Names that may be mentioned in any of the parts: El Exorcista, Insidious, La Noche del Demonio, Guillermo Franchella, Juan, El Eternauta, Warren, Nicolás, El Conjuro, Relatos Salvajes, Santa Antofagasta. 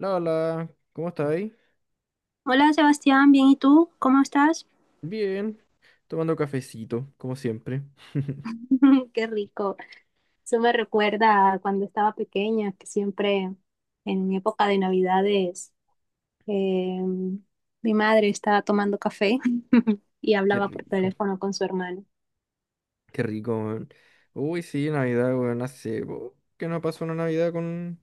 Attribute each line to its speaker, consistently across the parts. Speaker 1: ¿Cómo estáis?
Speaker 2: Hola Sebastián, bien, ¿y tú? ¿Cómo estás?
Speaker 1: Bien, tomando cafecito, como siempre.
Speaker 2: Qué rico. Eso me recuerda a cuando estaba pequeña, que siempre en mi época de Navidades eh, mi madre estaba tomando café y
Speaker 1: Qué
Speaker 2: hablaba por
Speaker 1: rico,
Speaker 2: teléfono con su hermano.
Speaker 1: qué rico, weón. Uy, sí, Navidad, weón, hace po, que no pasó una Navidad con,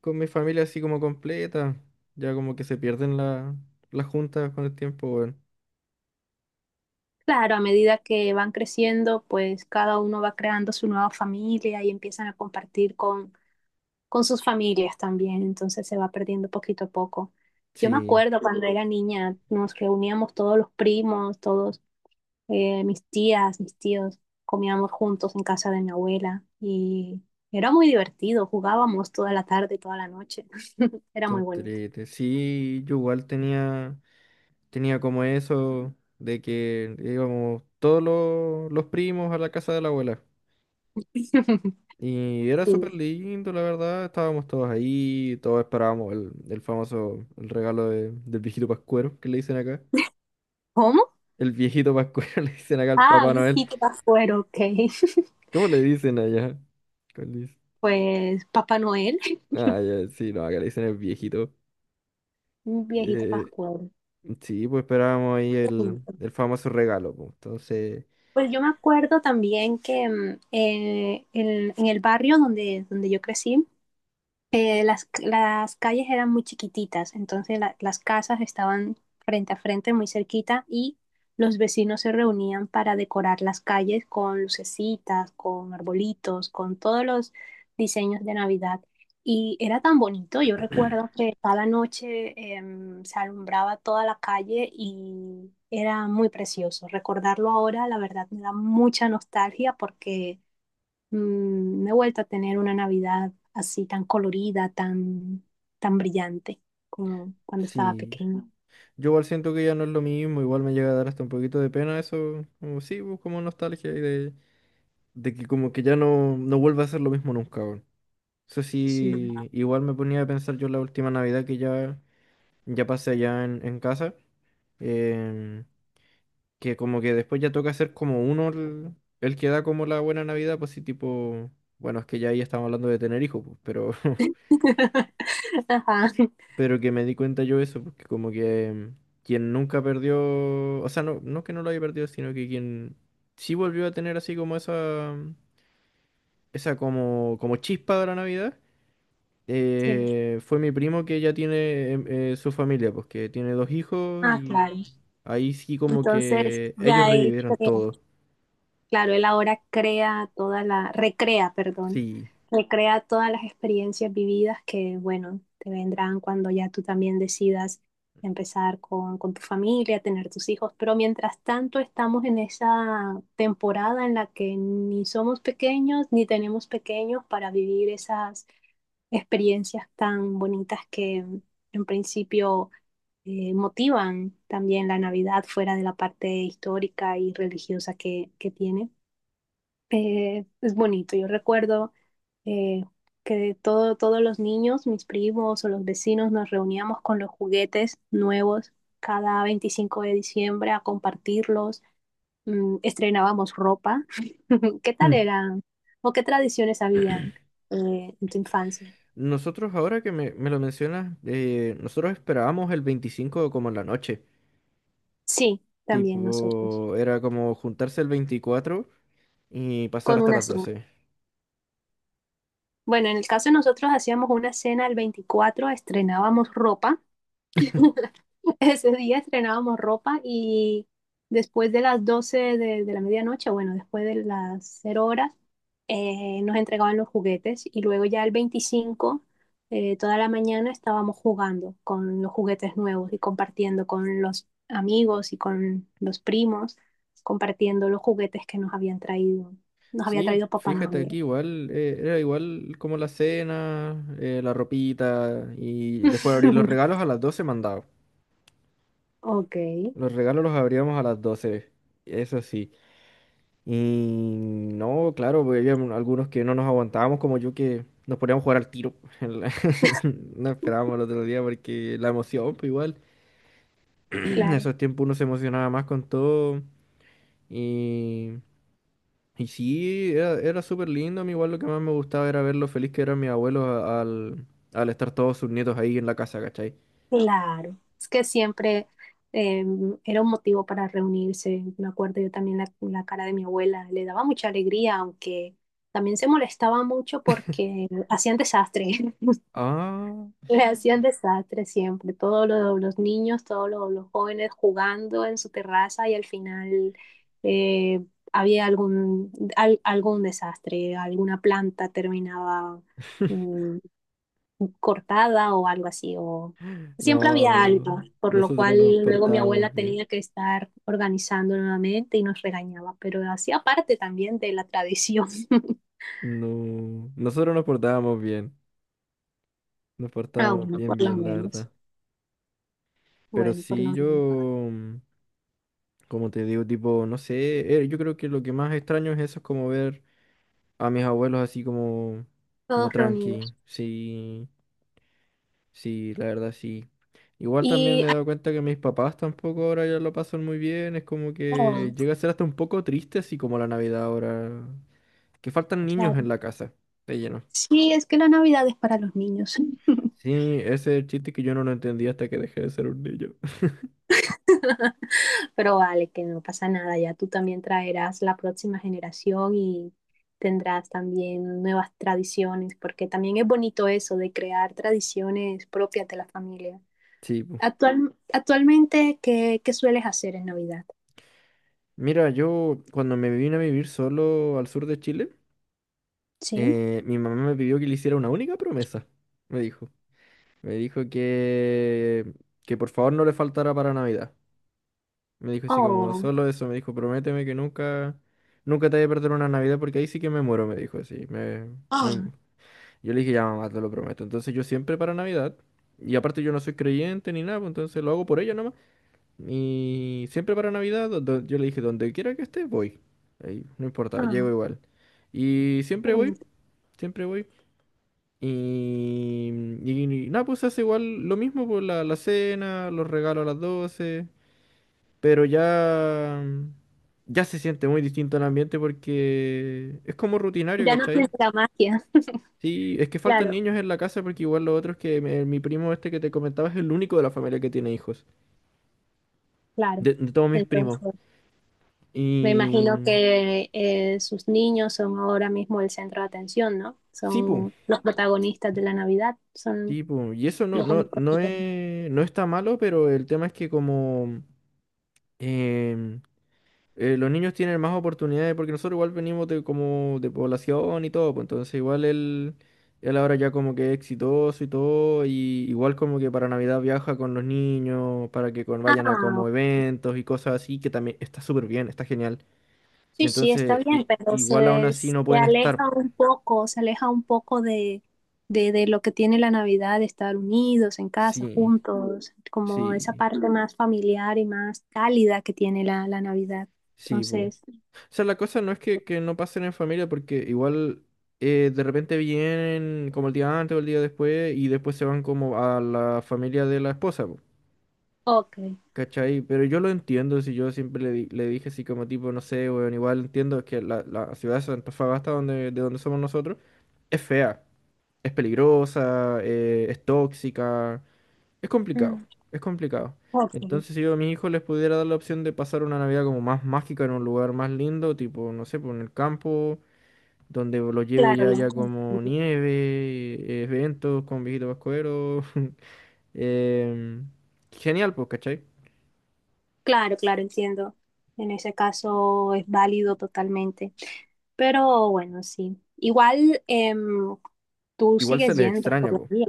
Speaker 1: con mi familia así como completa. Ya como que se pierden las juntas con el tiempo, weón.
Speaker 2: Claro, a medida que van creciendo, pues cada uno va creando su nueva familia y empiezan a compartir con sus familias también, entonces se va perdiendo poquito a poco. Yo me
Speaker 1: Sí,
Speaker 2: acuerdo cuando era niña, nos reuníamos todos los primos, todos mis tías, mis tíos, comíamos juntos en casa de mi abuela y era muy divertido, jugábamos toda la tarde, toda la noche, era
Speaker 1: qué
Speaker 2: muy bonito.
Speaker 1: entrete. Sí, yo igual tenía como eso de que íbamos todos los primos a la casa de la abuela. Y era súper
Speaker 2: Sí.
Speaker 1: lindo, la verdad. Estábamos todos ahí, todos esperábamos el famoso el regalo del viejito Pascuero, que le dicen acá.
Speaker 2: ¿Cómo?
Speaker 1: El viejito Pascuero le dicen acá al
Speaker 2: Ah,
Speaker 1: Papá
Speaker 2: un
Speaker 1: Noel.
Speaker 2: viejito pascuero, ok.
Speaker 1: ¿Cómo le dicen allá? ¿Cuál dice?
Speaker 2: Pues Papá Noel,
Speaker 1: Ah, ya, sí, no, acá le dicen el viejito.
Speaker 2: un viejito
Speaker 1: Eh,
Speaker 2: pascuero.
Speaker 1: sí, pues esperábamos ahí el,
Speaker 2: Sí.
Speaker 1: el famoso regalo, pues. Entonces,
Speaker 2: Pues yo me acuerdo también que en el barrio donde yo crecí. Las calles eran muy chiquititas, entonces las casas estaban frente a frente, muy cerquita, y los vecinos se reunían para decorar las calles con lucecitas, con arbolitos, con todos los diseños de Navidad. Y era tan bonito, yo recuerdo que cada noche se alumbraba toda la calle y era muy precioso. Recordarlo ahora, la verdad, me da mucha nostalgia porque no he vuelto a tener una Navidad así tan colorida, tan, tan brillante como cuando estaba
Speaker 1: sí.
Speaker 2: pequeña.
Speaker 1: Yo igual siento que ya no es lo mismo, igual me llega a dar hasta un poquito de pena eso. Como, sí, pues, como nostalgia y de que como que ya no vuelva a ser lo mismo nunca, weón. Eso
Speaker 2: Sí.
Speaker 1: sí, igual me ponía a pensar yo la última Navidad que ya pasé allá en casa, em, que como que después ya toca ser como uno el que da como la buena Navidad, pues sí, tipo, bueno, es que ya ahí estamos hablando de tener hijos, pues, pero,
Speaker 2: Ajá,
Speaker 1: pero que me di cuenta yo eso, porque como que quien nunca perdió, o sea, no que no lo haya perdido, sino que quien sí volvió a tener así como esa, esa como chispa de la Navidad.
Speaker 2: sí.
Speaker 1: Fue mi primo que ya tiene su familia, pues que tiene dos hijos,
Speaker 2: Ah,
Speaker 1: y
Speaker 2: claro.
Speaker 1: ahí sí como
Speaker 2: Entonces,
Speaker 1: que ellos
Speaker 2: ya él
Speaker 1: revivieron
Speaker 2: crea.
Speaker 1: todo.
Speaker 2: Claro, él ahora crea toda la, recrea, perdón,
Speaker 1: Sí.
Speaker 2: recrea todas las experiencias vividas que, bueno, te vendrán cuando ya tú también decidas empezar con tu familia, tener tus hijos. Pero mientras tanto estamos en esa temporada en la que ni somos pequeños ni tenemos pequeños para vivir esas experiencias tan bonitas que en principio motivan también la Navidad fuera de la parte histórica y religiosa que tiene. Es bonito. Yo recuerdo eh, que todo, todos los niños, mis primos o los vecinos, nos reuníamos con los juguetes nuevos cada 25 de diciembre a compartirlos. Mm, estrenábamos ropa. ¿Qué tal
Speaker 1: Hmm.
Speaker 2: eran? ¿O qué tradiciones habían en tu infancia?
Speaker 1: Nosotros ahora que me lo mencionas, nosotros esperábamos el 25 como en la noche.
Speaker 2: Sí, también nosotros,
Speaker 1: Tipo, era como juntarse el 24 y pasar
Speaker 2: con
Speaker 1: hasta
Speaker 2: una
Speaker 1: las
Speaker 2: cena.
Speaker 1: 12.
Speaker 2: Bueno, en el caso de nosotros hacíamos una cena el 24. Estrenábamos ropa. Ese día estrenábamos ropa y después de las 12 de la medianoche, bueno, después de las cero horas, nos entregaban los juguetes y luego ya el 25 toda la mañana estábamos jugando con los juguetes nuevos y compartiendo con los amigos y con los primos, compartiendo los juguetes que nos habían traído, nos había
Speaker 1: Sí,
Speaker 2: traído Papá Ah,
Speaker 1: fíjate aquí
Speaker 2: Noel.
Speaker 1: igual, era igual como la cena, la ropita y después abrir los regalos a las 12 mandado.
Speaker 2: Ok,
Speaker 1: Los regalos los abríamos a las 12, eso sí. Y no, claro, porque había algunos que no nos aguantábamos, como yo, que nos poníamos a jugar al tiro. en la- No esperábamos el otro día porque la emoción, pues igual. En
Speaker 2: claro.
Speaker 1: esos tiempos uno se emocionaba más con todo. Y, y sí, era súper lindo. A mí igual lo que más me gustaba era ver lo feliz que eran mis abuelos al estar todos sus nietos ahí en la casa, ¿cachai?
Speaker 2: Claro, es que siempre eh, era un motivo para reunirse. Me acuerdo yo también la cara de mi abuela, le daba mucha alegría, aunque también se molestaba mucho porque hacían desastre,
Speaker 1: Ah,
Speaker 2: le hacían desastre siempre. Todos los niños, todos los jóvenes jugando en su terraza y al final eh, había algún desastre, alguna planta terminaba mm, cortada o algo así, o siempre había
Speaker 1: no,
Speaker 2: algo, por lo
Speaker 1: nosotros
Speaker 2: cual
Speaker 1: nos
Speaker 2: luego mi abuela
Speaker 1: portábamos bien.
Speaker 2: tenía que estar organizando nuevamente y nos regañaba, pero hacía parte también de la tradición,
Speaker 1: No, nosotros nos
Speaker 2: a
Speaker 1: portábamos
Speaker 2: uno por
Speaker 1: bien,
Speaker 2: lo
Speaker 1: bien, la
Speaker 2: menos.
Speaker 1: verdad. Pero
Speaker 2: Bueno, por lo
Speaker 1: sí, yo,
Speaker 2: menos,
Speaker 1: mm, como te digo, tipo, no sé, yo creo que lo que más extraño es eso, es como ver a mis abuelos así como
Speaker 2: todos
Speaker 1: tranqui.
Speaker 2: reunidos.
Speaker 1: Sí, sí, la verdad, sí. Igual también
Speaker 2: Y,
Speaker 1: me he dado cuenta que mis papás tampoco ahora ya lo pasan muy bien, es como que
Speaker 2: oh,
Speaker 1: llega a ser hasta un poco triste, así como la Navidad ahora, que faltan
Speaker 2: claro,
Speaker 1: niños
Speaker 2: claro.
Speaker 1: en la casa, de lleno.
Speaker 2: Sí, es que la Navidad es para los niños.
Speaker 1: Sí, ese es el chiste que yo no lo entendí hasta que dejé de ser un niño.
Speaker 2: Pero vale, que no pasa nada, ya tú también traerás la próxima generación y tendrás también nuevas tradiciones, porque también es bonito eso de crear tradiciones propias de la familia.
Speaker 1: Sí, po.
Speaker 2: Actual, actualmente, ¿qué, qué sueles hacer en Navidad?
Speaker 1: Mira, yo cuando me vine a vivir solo al sur de Chile,
Speaker 2: Sí.
Speaker 1: mi mamá me pidió que le hiciera una única promesa, me dijo. Me dijo que por favor no le faltara para Navidad. Me dijo así como,
Speaker 2: Oh,
Speaker 1: solo eso, me dijo, prométeme que nunca, nunca te voy a perder una Navidad porque ahí sí que me muero, me dijo así. Me-
Speaker 2: oh,
Speaker 1: Yo le dije, ya mamá, te lo prometo. Entonces yo siempre para Navidad, y aparte yo no soy creyente ni nada, pues entonces lo hago por ella nomás. Y siempre para Navidad, yo le dije, donde quiera que esté, voy. Ahí, no importa, llego
Speaker 2: oh,
Speaker 1: igual. Y
Speaker 2: qué
Speaker 1: siempre voy,
Speaker 2: bonito.
Speaker 1: siempre voy. Y, y nada, pues se hace igual lo mismo por la cena, los regalos a las doce. Pero ya se siente muy distinto el ambiente porque es como rutinario,
Speaker 2: Ya no tienes
Speaker 1: ¿cachai?
Speaker 2: la magia.
Speaker 1: Sí, es que faltan
Speaker 2: Claro,
Speaker 1: niños en la casa porque igual los otros que mi primo este que te comentaba es el único de la familia que tiene hijos.
Speaker 2: claro.
Speaker 1: De todos mis primos.
Speaker 2: Entonces, me imagino
Speaker 1: Y.
Speaker 2: que sus niños son ahora mismo el centro de atención, ¿no?
Speaker 1: Sí, pu,
Speaker 2: Son los protagonistas de la Navidad, son
Speaker 1: sí, pu, y eso no,
Speaker 2: los
Speaker 1: no,
Speaker 2: únicos que
Speaker 1: no
Speaker 2: tienen.
Speaker 1: es, no está malo, pero el tema es que como em, los niños tienen más oportunidades, porque nosotros igual venimos de como de población y todo, pues entonces igual él ahora ya como que es exitoso y todo, y igual como que para Navidad viaja con los niños, para que vayan a
Speaker 2: Ah,
Speaker 1: como eventos y cosas así, que también está súper bien, está genial.
Speaker 2: sí, sí, está
Speaker 1: Entonces,
Speaker 2: bien, pero
Speaker 1: igual aún
Speaker 2: se,
Speaker 1: así no
Speaker 2: se
Speaker 1: pueden estar.
Speaker 2: aleja un poco, se aleja un poco de, de lo que tiene la Navidad, de estar unidos en casa,
Speaker 1: Sí,
Speaker 2: juntos, como esa
Speaker 1: sí,
Speaker 2: parte más familiar y más cálida que tiene la Navidad.
Speaker 1: sí, pu. O
Speaker 2: Entonces,
Speaker 1: sea, la cosa no es que no pasen en familia, porque igual de repente vienen como el día antes o el día después y después se van como a la familia de la esposa, po,
Speaker 2: ok,
Speaker 1: ¿cachai? Pero yo lo entiendo, si yo siempre le dije así como tipo, no sé, weón, igual entiendo que la ciudad de Santa Antofagasta, de donde somos nosotros, es fea, es peligrosa, es tóxica, es complicado,
Speaker 2: mm,
Speaker 1: es complicado.
Speaker 2: ok,
Speaker 1: Entonces, si yo a mis hijos les pudiera dar la opción de pasar una Navidad como más mágica en un lugar más lindo, tipo, no sé, por en el campo donde lo lleve
Speaker 2: claro,
Speaker 1: ya,
Speaker 2: ya.
Speaker 1: ya como nieve, eventos con Viejito Pascuero. em, Genial, pues, ¿cachai?
Speaker 2: Claro, claro, entiendo. En ese caso es válido totalmente. Pero bueno, sí. Igual tú
Speaker 1: Igual se
Speaker 2: sigues
Speaker 1: les
Speaker 2: yendo
Speaker 1: extraña, pues.
Speaker 2: todavía.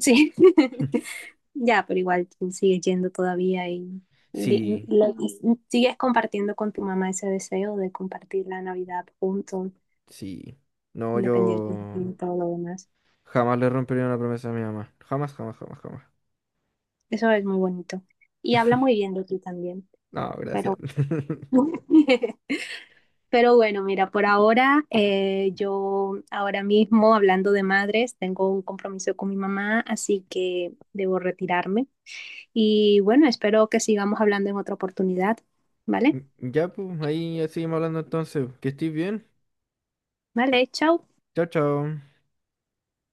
Speaker 2: Sí. Ya, pero igual tú sigues yendo todavía
Speaker 1: Sí,
Speaker 2: y sigues compartiendo con tu mamá ese deseo de compartir la Navidad juntos,
Speaker 1: sí. No,
Speaker 2: independientemente
Speaker 1: yo
Speaker 2: de todo lo demás.
Speaker 1: jamás le rompería una promesa a mi mamá. Jamás, jamás, jamás, jamás.
Speaker 2: Eso es muy bonito. Y habla muy bien de ti también,
Speaker 1: No, gracias.
Speaker 2: pero Pero bueno, mira, por ahora yo ahora mismo hablando de madres, tengo un compromiso con mi mamá, así que debo retirarme. Y bueno, espero que sigamos hablando en otra oportunidad, ¿vale?
Speaker 1: Ya, pues, ahí seguimos hablando entonces. Que estés bien.
Speaker 2: Vale, chao.
Speaker 1: Chao, chao.